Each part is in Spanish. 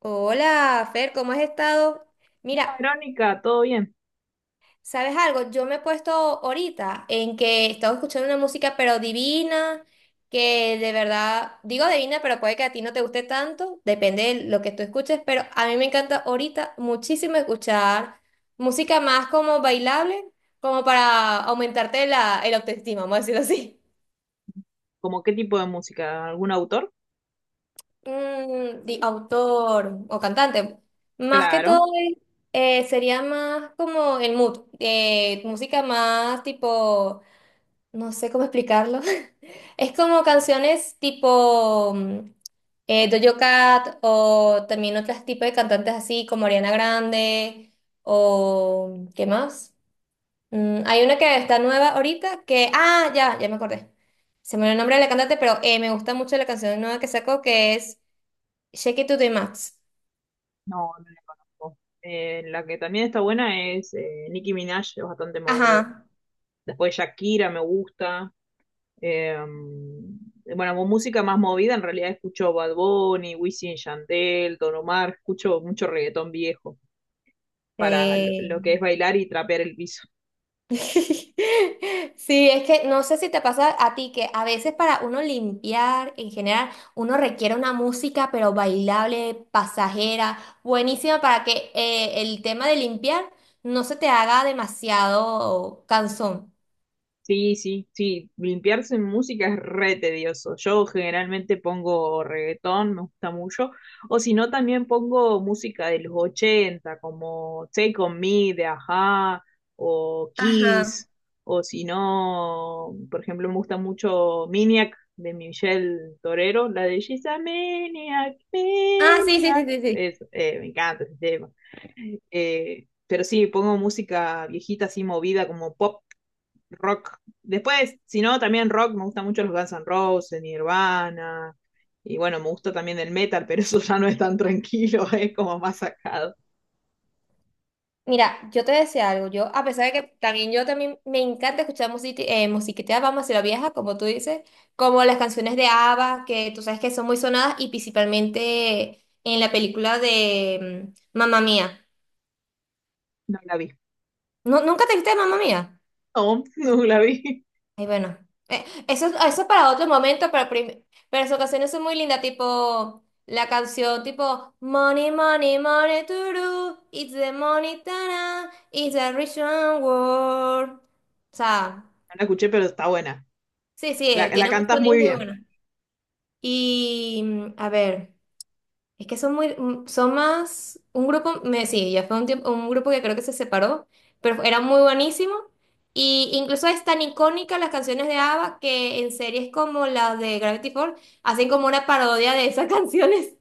Hola, Fer, ¿cómo has estado? Mira, Verónica, ¿todo bien? ¿sabes algo? Yo me he puesto ahorita en que estaba escuchando una música pero divina, que de verdad, digo divina, pero puede que a ti no te guste tanto, depende de lo que tú escuches, pero a mí me encanta ahorita muchísimo escuchar música más como bailable, como para aumentarte la, el autoestima, vamos a decirlo así. ¿Cómo qué tipo de música? ¿Algún autor? ¿Autor o cantante? Más que todo Claro, es- sería más como el mood, música más tipo, no sé cómo explicarlo. Es como canciones tipo Doja Cat, o también otros tipos de cantantes así como Ariana Grande. ¿O qué más? Hay una que está nueva ahorita que, ah, ya me acordé. Se me olvidó el nombre de la cantante, pero me gusta mucho la canción nueva que sacó, que es Sé que tú te Max. no, no la conozco. La que también está buena es Nicki Minaj, es bastante movido. Ajá. Después Shakira me gusta. Eh, bueno, con música más movida, en realidad escucho Bad Bunny, Wisin y Yandel, Don Omar, escucho mucho reggaetón viejo para lo, Eh. lo que es bailar y trapear el piso. Sí, es que no sé si te pasa a ti que a veces para uno limpiar en general, uno requiere una música pero bailable, pasajera, buenísima para que el tema de limpiar no se te haga demasiado cansón. Sí, sí, sí, limpiarse en música es re tedioso. Yo generalmente pongo reggaetón, me gusta mucho. O si no, también pongo música de los 80, como Take On Me de Ajá, o Ajá. Kiss. O si no, por ejemplo, me gusta mucho Maniac de Michelle Torero, la de She's a Maniac, Ah, sí, sí, sí, Maniac. sí, sí. Me encanta ese tema. Pero sí, pongo música viejita así movida como pop rock. Después, si no, también rock, me gustan mucho los Guns N' Roses, Nirvana, y bueno, me gusta también el metal, pero eso ya no es tan tranquilo, es como más sacado. Mira, yo te decía algo, yo a pesar de que también, yo también me encanta escuchar musiquita, vamos, a la vieja, como tú dices, como las canciones de ABBA, que tú sabes que son muy sonadas y principalmente en la película de Mamma Mía. No la vi. ¿No, nunca te viste Mamma Mía? No, no la vi. Ay, bueno, eso, eso es para otro momento, pero, pero sus canciones son muy lindas, tipo la canción tipo Money, Money, Money, Turu, It's the Money, Tana, It's a Rich World. O sea. No la escuché, pero está buena. Sí, sí, La, la tiene un cantás muy muy bien. buenos. Y a ver, es que son muy, son más, un grupo, me, sí, ya fue un tiempo, un grupo que creo que se separó, pero era muy buenísimo. Y incluso es tan icónica las canciones de ABBA que en series como la de Gravity Falls hacen como una parodia de esas canciones.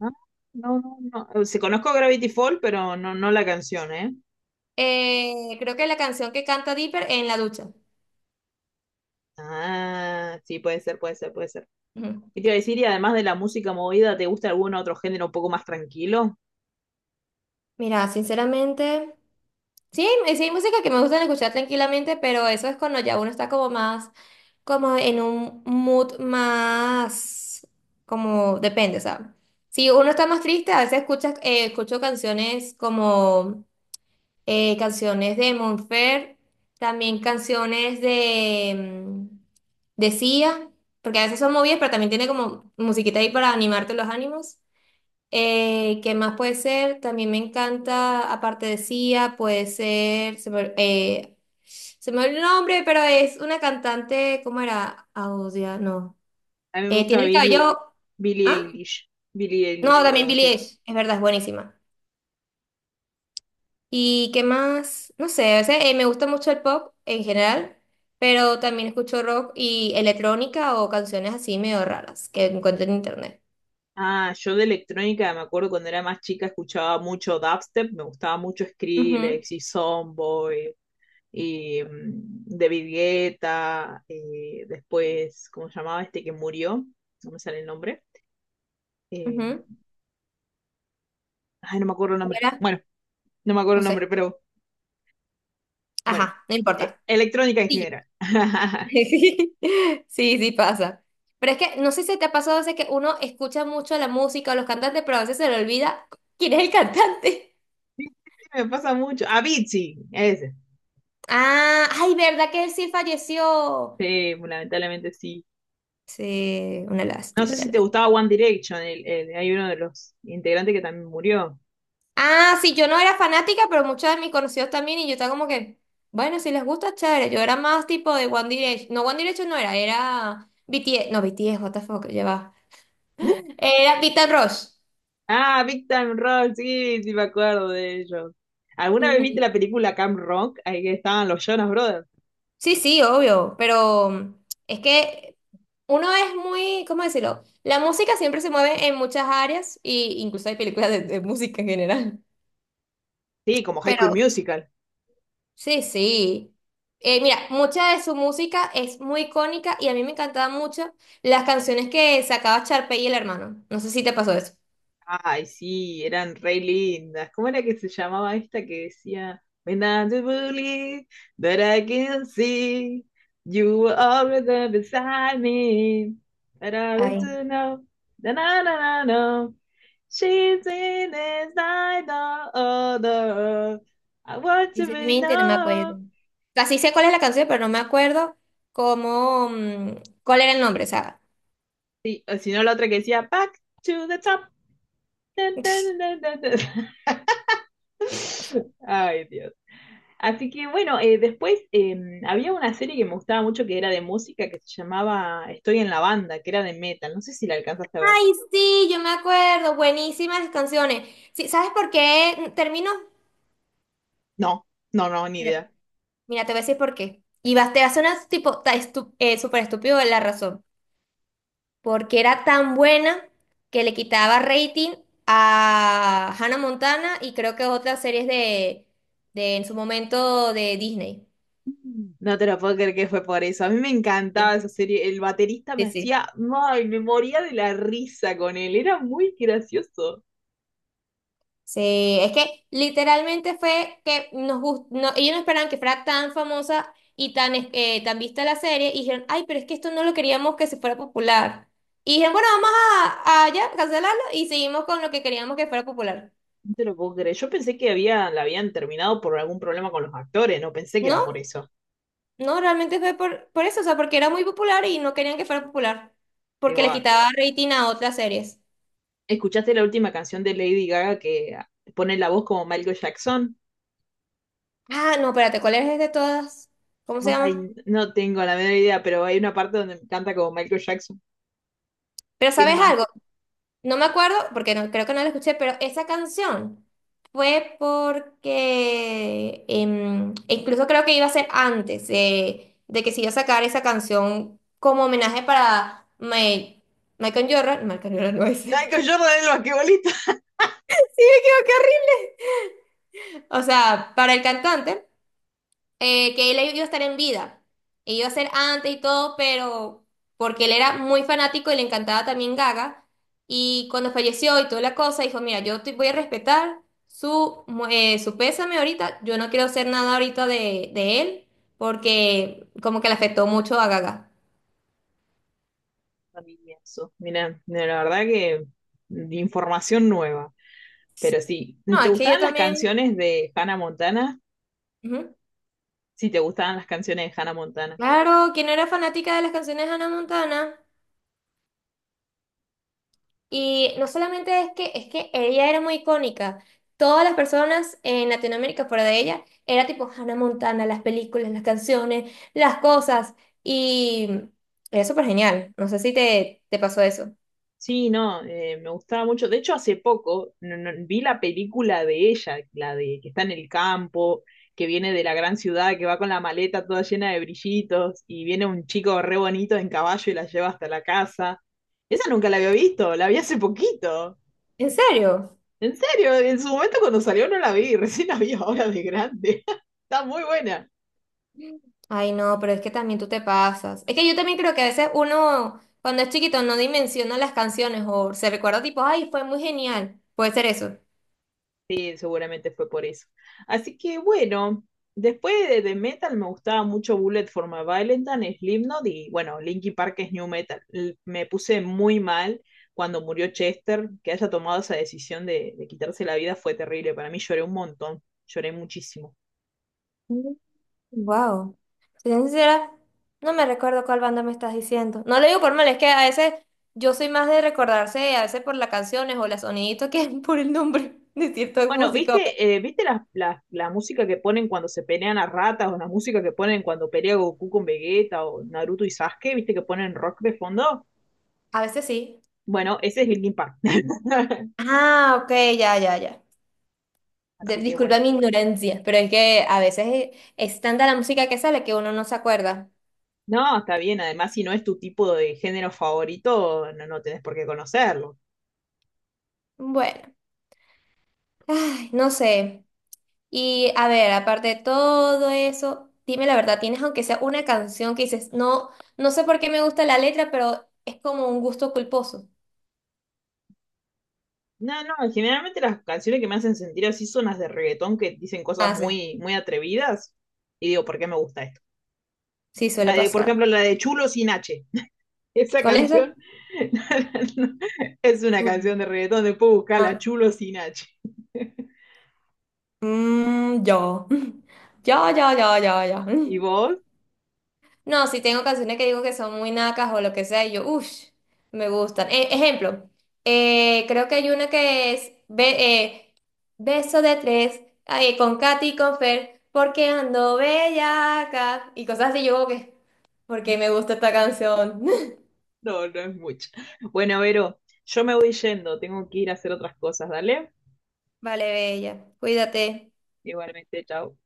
Ah, no, no, no. Se conozco Gravity Fall, pero no, no la canción, ¿eh? Creo que la canción que canta Dipper en la ducha. Ah, sí, puede ser, puede ser, puede ser. Ujú. ¿Qué te iba a decir? Y además de la música movida, ¿te gusta algún otro género un poco más tranquilo? Mira, sinceramente. Sí, sí hay música que me gusta escuchar tranquilamente, pero eso es cuando ya uno está como más, como en un mood más, como depende, ¿sabes? Si uno está más triste, a veces escuchas, escucho canciones como canciones de Monfer, también canciones de, mm, de Sia, porque a veces son movidas, pero también tiene como musiquita ahí para animarte los ánimos. ¿Qué más puede ser? También me encanta, aparte de Sia, puede ser, se me olvidó el nombre, pero es una cantante, ¿cómo era? Audia, no. A mí me gusta Tiene el cabello, Billie ¿ah? Eilish. Billie Eilish, No, para también cuando Billie estoy... Eilish, es verdad, es buenísima. ¿Y qué más? No sé, a veces, me gusta mucho el pop en general, pero también escucho rock y electrónica o canciones así medio raras que encuentro en internet. Ah, yo de electrónica me acuerdo cuando era más chica escuchaba mucho dubstep, me gustaba mucho Ujú, Skrillex y Soundboy y David Guetta, después, ¿cómo se llamaba este que murió? No me sale el nombre. Eh, ujú. No me acuerdo el ¿Cuál nombre. era? Bueno, no me acuerdo No el sé. nombre, pero bueno, Ajá, no importa. electrónica en Sí. general. Sí, sí pasa. Pero es que no sé si te ha pasado a veces que uno escucha mucho la música o los cantantes, pero a veces se le olvida quién es el cantante. Sí, me pasa mucho. Avicii, ese. Ah, ay, ¿verdad que él sí falleció? Sí, lamentablemente sí. Sí, una No lástima, sé una si te gustaba lástima. One Direction, hay uno de los integrantes que también murió. Ah, sí, yo no era fanática, pero muchos de mis conocidos también, y yo estaba como que, bueno, si les gusta, chévere. Yo era más tipo de One Direction. No, One Direction no era, era BTS. No, BTS, what the fuck, ya va. Era Beat and Rush. Ah, Big Time Rock, sí, sí me acuerdo de ellos. ¿Alguna vez viste la película Camp Rock? Ahí que estaban los Jonas Brothers. Sí, sí, obvio, pero es que uno es muy, ¿cómo decirlo? La música siempre se mueve en muchas áreas y incluso hay películas de música en general. Sí, como High School Pero Musical. sí, sí. Mira, mucha de su música es muy icónica y a mí me encantaban mucho las canciones que sacaba Charpe y el hermano. No sé si te pasó eso. Ay, sí, eran re lindas. ¿Cómo era que se llamaba esta que decía? When I do believe that I can see you were always there beside me. But I Ay, don't know. Na, na, na, na, na. She's in is like no other. I want to be sinceramente no me acuerdo. know. Casi sé cuál es la canción, pero no me acuerdo cómo, cuál era el nombre, o sea. Sí, o si no, la otra que decía Back to the top. ¿Qué pasa? Ay, Dios. Así que bueno, después había una serie que me gustaba mucho que era de música que se llamaba Estoy en la banda, que era de metal. No sé si la alcanzaste a ver. Ay, sí, yo me acuerdo, buenísimas las canciones. Sí, ¿sabes por qué termino? No, no, no, ni idea. Mira, mira, te voy a decir por qué. Y vas, te va a sonar tipo súper estúpido la razón. Porque era tan buena que le quitaba rating a Hannah Montana y creo que otras series de en su momento de Disney. No te lo puedo creer que fue por eso. A mí me encantaba Sí, esa serie. El baterista sí, me sí. hacía, ay, me moría de la risa con él. Era muy gracioso. Sí, es que literalmente fue que no, ellos no esperaban que fuera tan famosa y tan, tan vista la serie y dijeron, ay, pero es que esto no lo queríamos que se fuera popular. Y dijeron, bueno, vamos a ya cancelarlo y seguimos con lo que queríamos que fuera popular. No te lo puedo creer. Yo pensé que había, la habían terminado por algún problema con los actores. No pensé que era por No, eso. no, realmente fue por eso, o sea, porque era muy popular y no querían que fuera popular, Qué porque les bárbaro. quitaba rating a otras series. ¿Escuchaste la última canción de Lady Gaga que pone la voz como Michael Jackson? Ah, no, espérate, ¿cuál es de todas? ¿Cómo se llama? Ay, no tengo la menor idea, pero hay una parte donde canta como Michael Jackson. Pero ¿Qué ¿sabes más? algo? No me acuerdo, porque no, creo que no la escuché, pero esa canción fue porque e incluso creo que iba a ser antes de que se iba a sacar esa canción como homenaje para Michael Jordan. Michael Jordan no es. Michael Jordan el basquetbolista. O sea, para el cantante. Eh, que él iba a estar en vida. E iba a ser antes y todo, pero porque él era muy fanático y le encantaba también Gaga. Y cuando falleció y toda la cosa, dijo, mira, yo te voy a respetar su, su pésame ahorita. Yo no quiero hacer nada ahorita de él, porque como que le afectó mucho a Gaga. Familia, eso. Mira, no, la verdad que de información nueva. Pero sí, No, ¿te es que yo gustaban las también... canciones de Hannah Montana? Ujú. Sí, te gustaban las canciones de Hannah Montana. Claro, ¿quién no era fanática de las canciones de Hannah Montana? Y no solamente es que ella era muy icónica. Todas las personas en Latinoamérica fuera de ella era tipo Hannah Montana, las películas, las canciones, las cosas. Y era súper genial. No sé si te, te pasó eso. Sí, no, me gustaba mucho. De hecho, hace poco vi la película de ella, la de que está en el campo, que viene de la gran ciudad, que va con la maleta toda llena de brillitos y viene un chico re bonito en caballo y la lleva hasta la casa. Esa nunca la había visto, la vi hace poquito. ¿En serio? En serio, en su momento cuando salió no la vi, recién la vi ahora de grande. Está muy buena. Ay, no, pero es que también tú te pasas. Es que yo también creo que a veces uno, cuando es chiquito, no dimensiona las canciones o se recuerda tipo, ay, fue muy genial. Puede ser eso. Sí, seguramente fue por eso. Así que bueno, después de Metal me gustaba mucho Bullet for My Valentine, Slipknot y bueno, Linkin Park es New Metal. Me puse muy mal cuando murió Chester, que haya tomado esa decisión de quitarse la vida fue terrible. Para mí lloré un montón, lloré muchísimo. Wow. Si soy sincera, no me recuerdo cuál banda me estás diciendo. No lo digo por mal, es que a veces yo soy más de recordarse, a veces por las canciones o los soniditos que por el nombre de cierta Bueno, música. ¿Viste la música que ponen cuando se pelean a ratas o la música que ponen cuando pelea Goku con Vegeta o Naruto y Sasuke? ¿Viste que ponen rock de fondo? A veces sí. Bueno, ese es Linkin Park. Ah, ok, ya, ya, ya. Así que bueno. Disculpa mi ignorancia, pero es que a veces es, es tanta la música que sale que uno no se acuerda. No, está bien. Además, si no es tu tipo de género favorito, no, no tenés por qué conocerlo. Bueno, ay, no sé. Y a ver, aparte de todo eso, dime la verdad, ¿tienes aunque sea una canción que dices, no, no sé por qué me gusta la letra, pero es como un gusto culposo? No, no, generalmente las canciones que me hacen sentir así son las de reggaetón que dicen cosas Ah, sí, muy, muy atrevidas. Y digo, ¿por qué me gusta esto? sí, suele La de, por pasar. ejemplo, la de Chulo sin H. Esa ¿Cuál es esa? canción no, es una Chulo. canción de reggaetón, después buscarla Ah, chulo sin H. Yo. Yo, yo, yo, yo, yo. ¿Y vos? No, si tengo canciones que digo que son muy nacas o lo que sea, y yo, uff, me gustan. Ejemplo, creo que hay una que es Beso de tres, ay, con Katy y con Fer, porque ando bellaca, y cosas así, yo como que, porque me gusta esta canción. No, no es mucho. Bueno, Vero, yo me voy yendo, tengo que ir a hacer otras cosas, dale. Vale, bella, cuídate. Igualmente, chao.